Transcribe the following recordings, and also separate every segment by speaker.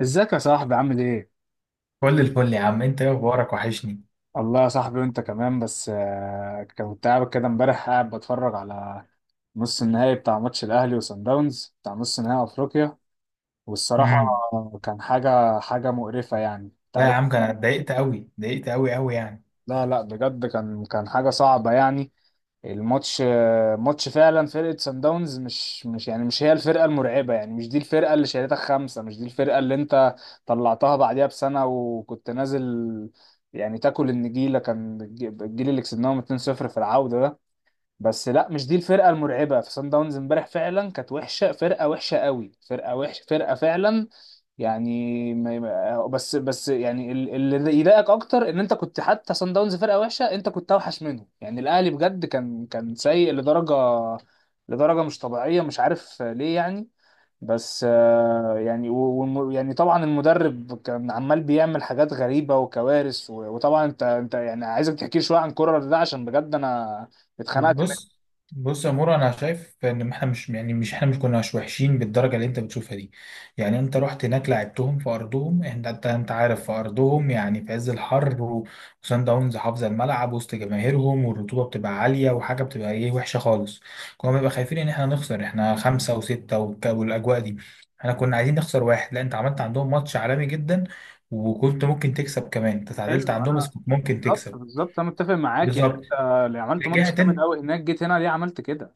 Speaker 1: ازيك يا صاحبي، عامل ايه؟
Speaker 2: كل الفل يا عم، انت ايه اخبارك؟ وحشني.
Speaker 1: والله يا صاحبي وانت كمان. بس كنت قاعد كده امبارح قاعد بتفرج على نص النهائي بتاع ماتش الاهلي وصن داونز، بتاع نص نهائي افريقيا. والصراحة
Speaker 2: امم.
Speaker 1: كان حاجة مقرفة، يعني انت
Speaker 2: لا يا
Speaker 1: عارف.
Speaker 2: عم، كان أنا اتضايقت قوي، اتضايقت قوي قوي يعني.
Speaker 1: لا لا، بجد كان حاجة صعبة يعني. الماتش ماتش فعلا، فرقة سان داونز مش هي الفرقة المرعبة، يعني مش دي الفرقة اللي شالتك خمسة، مش دي الفرقة اللي انت طلعتها بعديها بسنة وكنت نازل يعني تاكل النجيلة. كان الجيل اللي كسبناهم 2-0 في العودة ده. بس لا، مش دي الفرقة المرعبة. في سان داونز امبارح فعلا كانت وحشة، فرقة وحشة قوي، فرقة وحشة، فرقة فعلا. يعني بس يعني اللي يضايقك اكتر ان انت كنت، حتى صن داونز فرقه وحشه انت كنت اوحش منهم. يعني الاهلي بجد كان سيء لدرجه مش طبيعيه، مش عارف ليه يعني. بس يعني يعني طبعا المدرب كان عمال بيعمل حاجات غريبه وكوارث، وطبعا انت يعني، عايزك تحكي لي شويه عن كولر ده، عشان بجد انا اتخنقت منه.
Speaker 2: بص بص يا مورا، انا شايف ان احنا مش يعني مش احنا مش كناش وحشين بالدرجه اللي انت بتشوفها دي. يعني انت رحت هناك، لعبتهم في ارضهم، انت عارف، في ارضهم يعني، في عز الحر وصن داونز حافظه الملعب، وسط جماهيرهم والرطوبه بتبقى عاليه، وحاجه بتبقى ايه وحشه خالص. كنا بنبقى خايفين ان احنا نخسر، احنا خمسه وسته والاجواء دي، احنا كنا عايزين نخسر واحد. لا انت عملت عندهم ماتش عالمي جدا، وكنت ممكن تكسب كمان، انت تعادلت
Speaker 1: حلو.
Speaker 2: عندهم بس
Speaker 1: انا
Speaker 2: كنت ممكن
Speaker 1: بالظبط،
Speaker 2: تكسب.
Speaker 1: بالظبط انا متفق معاك يعني.
Speaker 2: بالظبط.
Speaker 1: انت اللي عملت ماتش
Speaker 2: رجعت.
Speaker 1: جامد قوي هناك، جيت هنا ليه عملت كده؟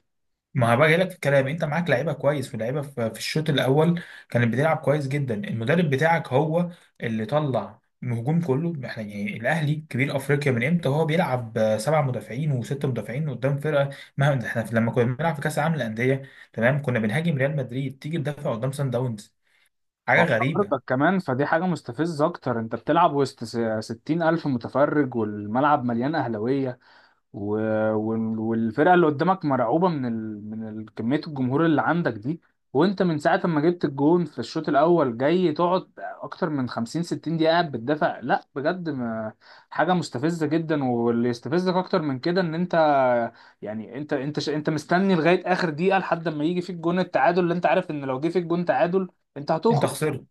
Speaker 2: ما هبقى جاي لك في الكلام، انت معاك لعيبه كويس ولاعيبه في الشوط الاول كانت بتلعب كويس جدا. المدرب بتاعك هو اللي طلع الهجوم كله. احنا يعني الاهلي كبير افريقيا، من امتى هو بيلعب سبع مدافعين وست مدافعين قدام فرقه؟ مهما احنا لما كنا بنلعب في كاس العالم للانديه تمام، كنا بنهاجم ريال مدريد. تيجي تدافع قدام سان داونز؟ حاجه غريبه.
Speaker 1: وارضك كمان، فدي حاجة مستفزة أكتر. أنت بتلعب وسط 60,000 متفرج، والملعب مليان أهلاوية، و... والفرقة اللي قدامك مرعوبة من كمية الجمهور اللي عندك دي. وأنت من ساعة ما جبت الجون في الشوط الأول جاي تقعد أكتر من 50 60 دقيقة قاعد بتدافع. لا بجد، ما... حاجة مستفزة جدا. واللي يستفزك أكتر من كده إن أنت يعني، أنت مستني لغاية آخر دقيقة، لحد ما يجي فيك جون التعادل، اللي أنت عارف إن لو جه فيك جون تعادل أنت
Speaker 2: انت
Speaker 1: هتخرج.
Speaker 2: خسرت.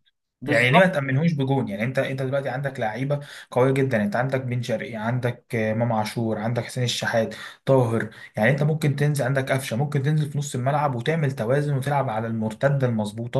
Speaker 2: يعني ليه ما
Speaker 1: بالظبط.
Speaker 2: تأمنهوش بجون؟ يعني انت دلوقتي عندك لعيبه قويه جدا، انت عندك بن شرقي، عندك امام عاشور، عندك حسين الشحات، طاهر. يعني انت ممكن تنزل عندك قفشه، ممكن تنزل في نص الملعب وتعمل توازن وتلعب على المرتده المظبوطه،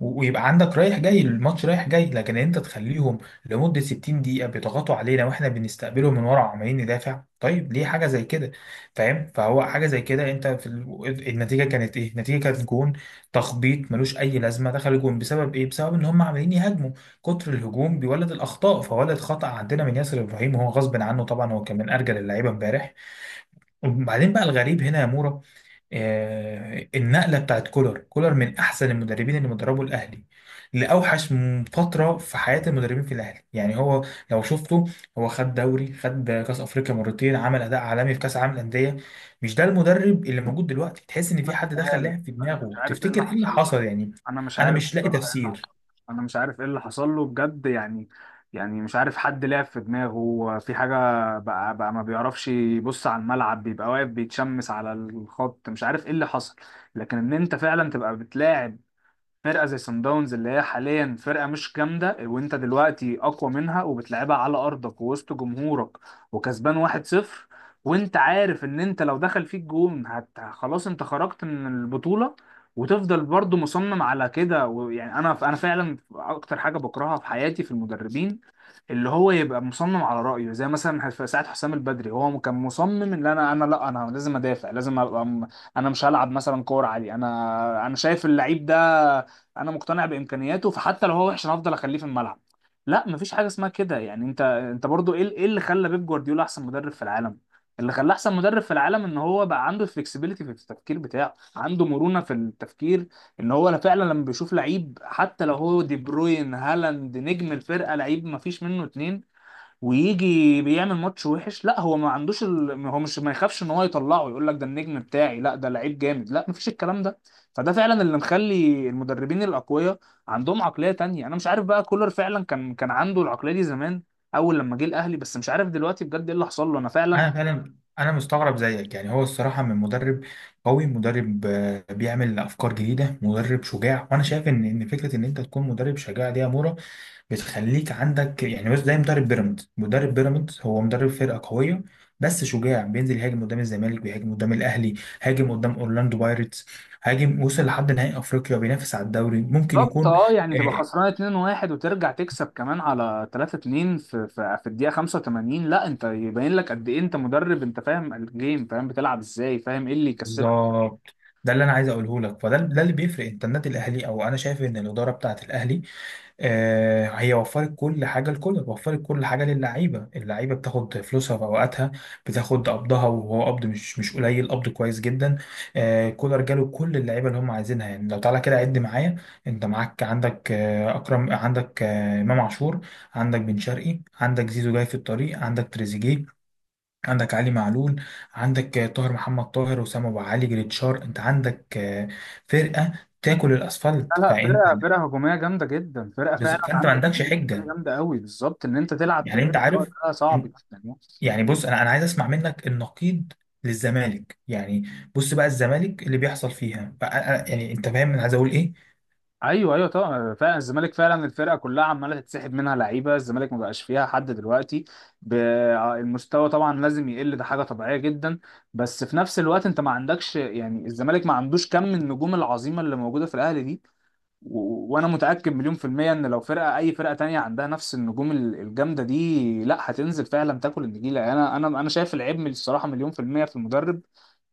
Speaker 2: ويبقى عندك رايح جاي، الماتش رايح جاي. لكن انت تخليهم لمده 60 دقيقه بيضغطوا علينا واحنا بنستقبلهم من ورا عمالين ندافع؟ طيب ليه حاجه زي كده؟ فاهم؟ فهو حاجه زي كده. النتيجه كانت ايه؟ النتيجه كانت جون تخبيط ملوش اي لازمه. دخل الجون بسبب ايه؟ بسبب ان هم عمالين يهاجموا، كتر الهجوم بيولد الاخطاء، فولد خطأ عندنا من ياسر ابراهيم، وهو غصب عنه طبعا، هو كان من ارجل اللعيبه امبارح. وبعدين بقى الغريب هنا يا مورا، النقله بتاعت كولر. كولر من احسن المدربين اللي مدربوا الاهلي، لاوحش فتره في حياه المدربين في الاهلي يعني. هو لو شفته، هو خد دوري، خد كاس افريقيا مرتين، عمل اداء عالمي في كاس العالم للانديه. مش ده المدرب اللي موجود دلوقتي، تحس ان في
Speaker 1: مش
Speaker 2: حد دخل
Speaker 1: عارف،
Speaker 2: لعب في
Speaker 1: انا مش
Speaker 2: دماغه.
Speaker 1: عارف ايه اللي
Speaker 2: تفتكر ايه اللي
Speaker 1: حصل له،
Speaker 2: حصل يعني؟
Speaker 1: انا مش
Speaker 2: انا
Speaker 1: عارف
Speaker 2: مش لاقي
Speaker 1: بصراحه ايه اللي حصل
Speaker 2: تفسير.
Speaker 1: له، انا مش عارف ايه اللي حصل له بجد يعني. يعني مش عارف، حد لعب في دماغه في حاجه؟ بقى ما بيعرفش يبص على الملعب، بيبقى واقف بيتشمس على الخط، مش عارف ايه اللي حصل. لكن ان انت فعلا تبقى بتلاعب فرقه زي سان داونز، اللي هي حاليا فرقه مش جامده، وانت دلوقتي اقوى منها وبتلعبها على ارضك ووسط جمهورك، وكسبان 1-0، وانت عارف ان انت لو دخل فيك جون خلاص انت خرجت من البطوله، وتفضل برضو مصمم على كده. ويعني انا فعلا اكتر حاجه بكرهها في حياتي في المدربين، اللي هو يبقى مصمم على رأيه. زي مثلا في ساعة حسام البدري، هو كان مصمم ان انا انا لا انا لازم ادافع، لازم ابقى انا مش هلعب مثلا كورة عالية. انا شايف اللعيب ده، انا مقتنع بامكانياته، فحتى لو هو وحش انا هفضل اخليه في الملعب. لا، مفيش حاجه اسمها كده يعني. انت برضو، ايه اللي خلى بيب جوارديولا احسن مدرب في العالم؟ اللي خلاه احسن مدرب في العالم ان هو بقى عنده فلكسبيليتي في التفكير بتاعه، عنده مرونه في التفكير. ان هو فعلا لما بيشوف لعيب، حتى لو هو دي بروين، هالاند، نجم الفرقه، لعيب مفيش منه اتنين، ويجي بيعمل ماتش وحش، لا هو ما عندوش هو مش، ما يخافش ان هو يطلعه، يقول لك ده النجم بتاعي، لا ده لعيب جامد، لا مفيش الكلام ده. فده فعلا اللي مخلي المدربين الاقوياء عندهم عقلية تانية. انا مش عارف بقى، كولر فعلا كان عنده العقلية دي زمان، اول لما جه الاهلي، بس مش عارف دلوقتي بجد ايه اللي حصل له، انا فعلا.
Speaker 2: انا فعلا انا مستغرب زيك، يعني هو الصراحه من مدرب قوي، مدرب بيعمل افكار جديده، مدرب شجاع. وانا شايف ان فكره ان انت تكون مدرب شجاع دي يا مورا بتخليك عندك يعني، بس زي مدرب بيراميدز. مدرب بيراميدز هو مدرب فرقه قويه، بس شجاع، بينزل يهاجم قدام الزمالك، بيهاجم قدام الاهلي، هاجم قدام اورلاندو بايرتس، هاجم، وصل لحد نهائي افريقيا، بينافس على الدوري ممكن
Speaker 1: بالظبط.
Speaker 2: يكون.
Speaker 1: اه يعني، تبقى
Speaker 2: آه،
Speaker 1: خسران 2-1 وترجع تكسب كمان على 3-2 في الدقيقة 85، لا انت يبين لك قد ايه انت مدرب، انت فاهم الجيم، فاهم بتلعب ازاي، فاهم ايه اللي يكسبك.
Speaker 2: بالظبط. ده اللي انا عايز اقوله لك. فده اللي بيفرق. انت النادي الاهلي، او انا شايف ان الاداره بتاعه الاهلي، هي وفرت كل حاجة لكولر، وفرت كل حاجة للعيبة. اللعيبة بتاخد فلوسها في أوقاتها، بتاخد قبضها، وهو قبض مش قليل، قبض كويس جدا. كولر جاله كل اللعيبة اللي هم عايزينها. يعني لو تعالى كده عد معايا، أنت معاك عندك أكرم، عندك إمام عاشور، عندك بن شرقي، عندك زيزو جاي في الطريق، عندك تريزيجيه، عندك علي معلول، عندك طاهر محمد طاهر، وسام أبو علي، جريتشار. أنت عندك فرقة تاكل الأسفلت.
Speaker 1: لا لا،
Speaker 2: فأنت
Speaker 1: فرقة هجومية جامدة جدا، فرقة فعلا،
Speaker 2: فأنت ما
Speaker 1: عندك
Speaker 2: عندكش
Speaker 1: كمية لعيبة
Speaker 2: حجة.
Speaker 1: جامدة قوي. بالظبط، ان انت تلعب
Speaker 2: يعني انت
Speaker 1: بالمستوى
Speaker 2: عارف.
Speaker 1: ده صعب جدا يعني.
Speaker 2: يعني بص، انا عايز اسمع منك النقيض للزمالك يعني. بص بقى، الزمالك اللي بيحصل فيها بقى، يعني انت فاهم انا عايز اقول ايه؟
Speaker 1: ايوه ايوه طبعا، فعلا الزمالك فعلا الفرقة كلها عمالة تتسحب منها لعيبة. الزمالك ما بقاش فيها حد دلوقتي، ب- المستوى طبعا لازم يقل، ده حاجة طبيعية جدا. بس في نفس الوقت انت ما عندكش، يعني الزمالك ما عندوش كم النجوم العظيمة اللي موجودة في الاهلي دي، وانا متاكد مليون في الميه ان لو فرقه، اي فرقه تانية عندها نفس النجوم الجامده دي، لا هتنزل فعلا تاكل النجيله. يعني انا شايف العيب من الصراحه مليون في الميه في المدرب،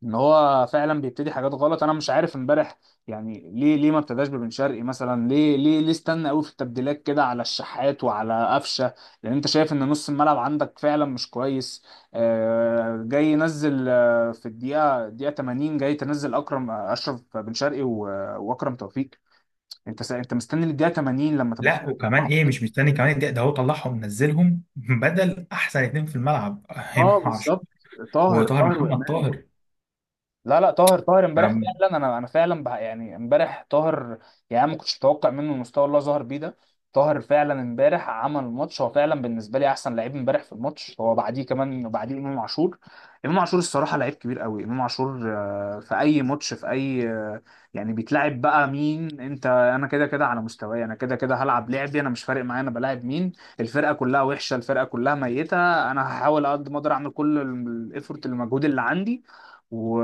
Speaker 1: ان هو فعلا بيبتدي حاجات غلط. انا مش عارف امبارح يعني، ليه ما ابتداش ببن شرقي مثلا؟ ليه استنى قوي في التبديلات كده على الشحات وعلى قفشه؟ لان انت شايف ان نص الملعب عندك فعلا مش كويس. جاي ينزل في الدقيقه 80 جاي تنزل اكرم اشرف، بن شرقي واكرم توفيق. انت انت مستني للدقيقه 80 لما تبقى
Speaker 2: لا وكمان
Speaker 1: خلاص.
Speaker 2: ايه، مش مستني كمان الدقيقه، ده هو طلعهم، نزلهم بدل احسن اتنين في الملعب
Speaker 1: اه،
Speaker 2: امام عاشور
Speaker 1: بالظبط. طاهر
Speaker 2: وطاهر
Speaker 1: طاهر
Speaker 2: محمد
Speaker 1: وامام.
Speaker 2: طاهر.
Speaker 1: لا لا، طاهر طاهر امبارح فعلا، انا فعلا بح يعني، امبارح طاهر. يعني أنا ما كنتش متوقع منه المستوى اللي هو ظهر بيه ده. طاهر فعلا امبارح عمل ماتش، هو فعلا بالنسبه لي احسن لعيب امبارح في الماتش، هو بعديه كمان بعديه امام عاشور. امام عاشور الصراحه لعيب كبير قوي، امام عاشور في اي ماتش، في اي يعني بيتلعب بقى مين. انت انا كده كده على مستواي، انا كده كده هلعب لعبي، انا مش فارق معايا انا بلاعب مين، الفرقه كلها وحشه، الفرقه كلها ميته. انا هحاول على قد ما اقدر اعمل كل الايفورت، المجهود اللي عندي و...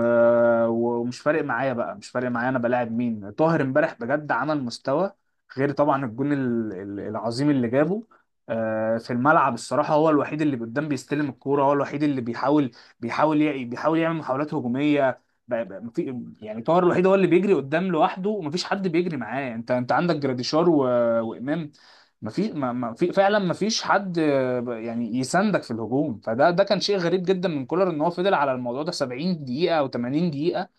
Speaker 1: ومش فارق معايا بقى، مش فارق معايا انا بلاعب مين. طاهر امبارح بجد عمل مستوى، غير طبعا الجون العظيم اللي جابه في الملعب. الصراحة هو الوحيد اللي قدام بيستلم الكورة، هو الوحيد اللي بيحاول، بيحاول بيحاول يعمل محاولات هجومية. يعني طاهر الوحيد هو اللي بيجري قدام لوحده، ومفيش حد بيجري معاه. انت عندك جراديشار وامام، مفيش، ما في فعلا مفيش حد يعني يساندك في الهجوم. فده كان شيء غريب جدا من كولر، ان هو فضل على الموضوع ده 70 دقيقة او 80 دقيقة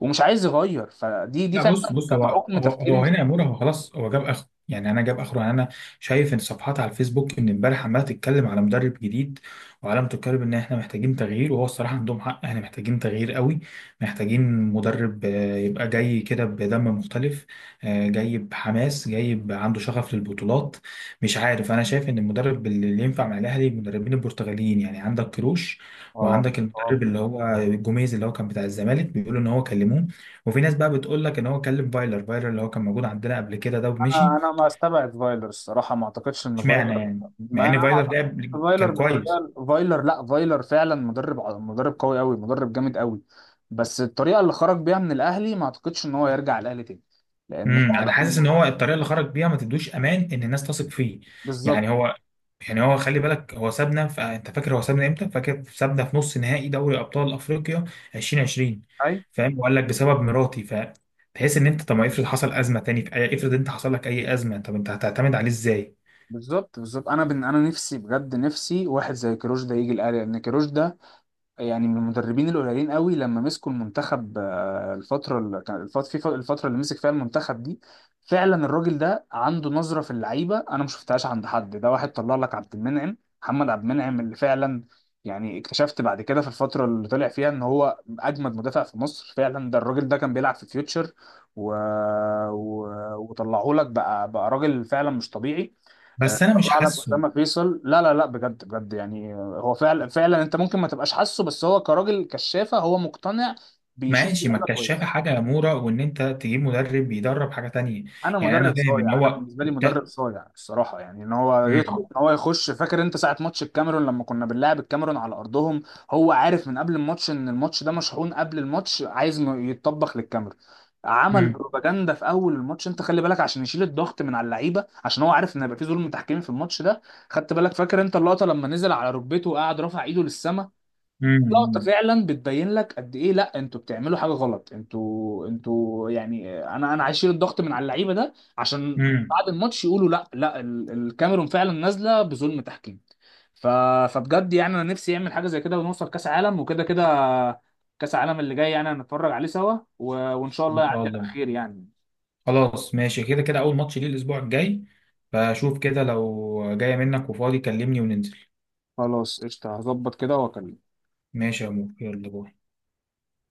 Speaker 1: ومش عايز يغير. فدي
Speaker 2: لا بص
Speaker 1: فعلا
Speaker 2: بص،
Speaker 1: كان
Speaker 2: هو
Speaker 1: عقم
Speaker 2: هو
Speaker 1: تفكيري،
Speaker 2: هو
Speaker 1: مش.
Speaker 2: هنا يا مورا، هو خلاص، هو جاب اخره يعني، انا جاب اخره يعني، انا شايف ان صفحات على الفيسبوك من امبارح عماله تتكلم على مدرب جديد، وعلامة تتكلم ان احنا محتاجين تغيير، وهو الصراحه عندهم حق، احنا محتاجين تغيير قوي. محتاجين مدرب يبقى جاي كده بدم مختلف، جاي بحماس، جاي عنده شغف للبطولات. مش عارف، انا شايف ان المدرب اللي ينفع مع الاهلي المدربين البرتغاليين. يعني عندك كروش،
Speaker 1: اه،
Speaker 2: وعندك
Speaker 1: اه،
Speaker 2: المدرب اللي هو جوميز اللي هو كان بتاع الزمالك، بيقولوا ان هو كلموه. وفي ناس بقى بتقول لك ان هو كلم فايلر. فايلر اللي هو كان موجود عندنا قبل كده ده ومشي.
Speaker 1: انا ما استبعد فايلر الصراحة، ما اعتقدش ان
Speaker 2: اشمعنى
Speaker 1: فايلر.
Speaker 2: يعني، مع
Speaker 1: ما
Speaker 2: ان
Speaker 1: انا ما
Speaker 2: فايلر ده
Speaker 1: اعتقدش إن فايلر
Speaker 2: كان كويس.
Speaker 1: بالطريقة، فايلر لا، فايلر فعلا مدرب مدرب قوي قوي، مدرب جامد قوي. بس الطريقة اللي خرج بيها من الاهلي ما اعتقدش ان هو يرجع الاهلي تاني، لان
Speaker 2: انا حاسس
Speaker 1: فعلا
Speaker 2: ان هو الطريقه اللي خرج بيها ما تدوش امان ان الناس تثق فيه.
Speaker 1: بالظبط،
Speaker 2: يعني هو، خلي بالك، هو سابنا انت فاكر هو سابنا امتى؟ فاكر سابنا في نص نهائي دوري ابطال افريقيا 2020. فاهم؟ وقال لك بسبب مراتي. تحس ان انت، طب ما افرض حصل ازمه تاني في اي، افرض انت حصل لك اي ازمه، طب انت هتعتمد عليه ازاي؟
Speaker 1: بالظبط، بالظبط. انا نفسي بجد، نفسي واحد زي كيروش ده يجي الاهلي، لان كيروش ده يعني من المدربين القليلين قوي. لما مسكوا المنتخب الفتره اللي كان الفت... في ف- الفتره اللي مسك فيها المنتخب دي، فعلا الراجل ده عنده نظره في اللعيبه انا ما شفتهاش عند حد. ده واحد طلع لك عبد المنعم، محمد عبد المنعم، اللي فعلا يعني اكتشفت بعد كده في الفتره اللي طلع فيها ان هو اجمد مدافع في مصر فعلا، ده الراجل ده كان بيلعب في فيوتشر و... و... وطلعه لك بقى راجل فعلا مش طبيعي.
Speaker 2: بس انا مش
Speaker 1: طلع لك
Speaker 2: حاسه.
Speaker 1: اسامه فيصل. لا لا لا، بجد بجد يعني، هو فعلا فعلا انت ممكن ما تبقاش حاسه، بس هو كراجل كشافه هو مقتنع، بيشوف
Speaker 2: ماشي، ما
Speaker 1: اللعيبه
Speaker 2: الكشافة
Speaker 1: كويس.
Speaker 2: حاجة يا مورا، وإن أنت تجيب مدرب بيدرب حاجة تانية.
Speaker 1: انا
Speaker 2: يعني
Speaker 1: مدرب
Speaker 2: أنا فاهم إن
Speaker 1: صايع، انا
Speaker 2: هو
Speaker 1: بالنسبه لي مدرب صايع الصراحه يعني، ان هو يدخل،
Speaker 2: مم.
Speaker 1: ان هو يخش. فاكر انت ساعه ماتش الكاميرون لما كنا بنلعب الكاميرون على ارضهم؟ هو عارف من قبل الماتش ان الماتش ده مشحون، قبل الماتش عايز انه يتطبخ للكاميرون. عمل
Speaker 2: مم.
Speaker 1: بروباجندا في اول الماتش، انت خلي بالك، عشان يشيل الضغط من على اللعيبه، عشان هو عارف ان هيبقى في ظلم تحكيمي في الماتش ده. خدت بالك؟ فاكر انت اللقطه لما نزل على ركبته وقعد رافع ايده للسما؟ لقطة
Speaker 2: مم.
Speaker 1: فعلا بتبين لك قد ايه، لا انتوا بتعملوا حاجة غلط، انتوا يعني، انا هشيل الضغط من على اللعيبة، ده عشان
Speaker 2: مم.
Speaker 1: بعد الماتش يقولوا لا لا الكاميرون فعلا نازلة بظلم تحكيم. ف... فبجد يعني انا نفسي يعمل حاجة زي كده، ونوصل كأس عالم وكده كده. كأس عالم اللي جاي يعني هنتفرج عليه سوا وان شاء الله
Speaker 2: إن شاء
Speaker 1: يعدي على
Speaker 2: الله.
Speaker 1: خير يعني.
Speaker 2: خلاص ماشي، كده كده أول ماتش ليه الأسبوع الجاي. فشوف كده، لو جاية منك وفاضي كلمني وننزل.
Speaker 1: خلاص قشطة، هظبط كده واكلمك.
Speaker 2: ماشي يا مورا، يلا باي.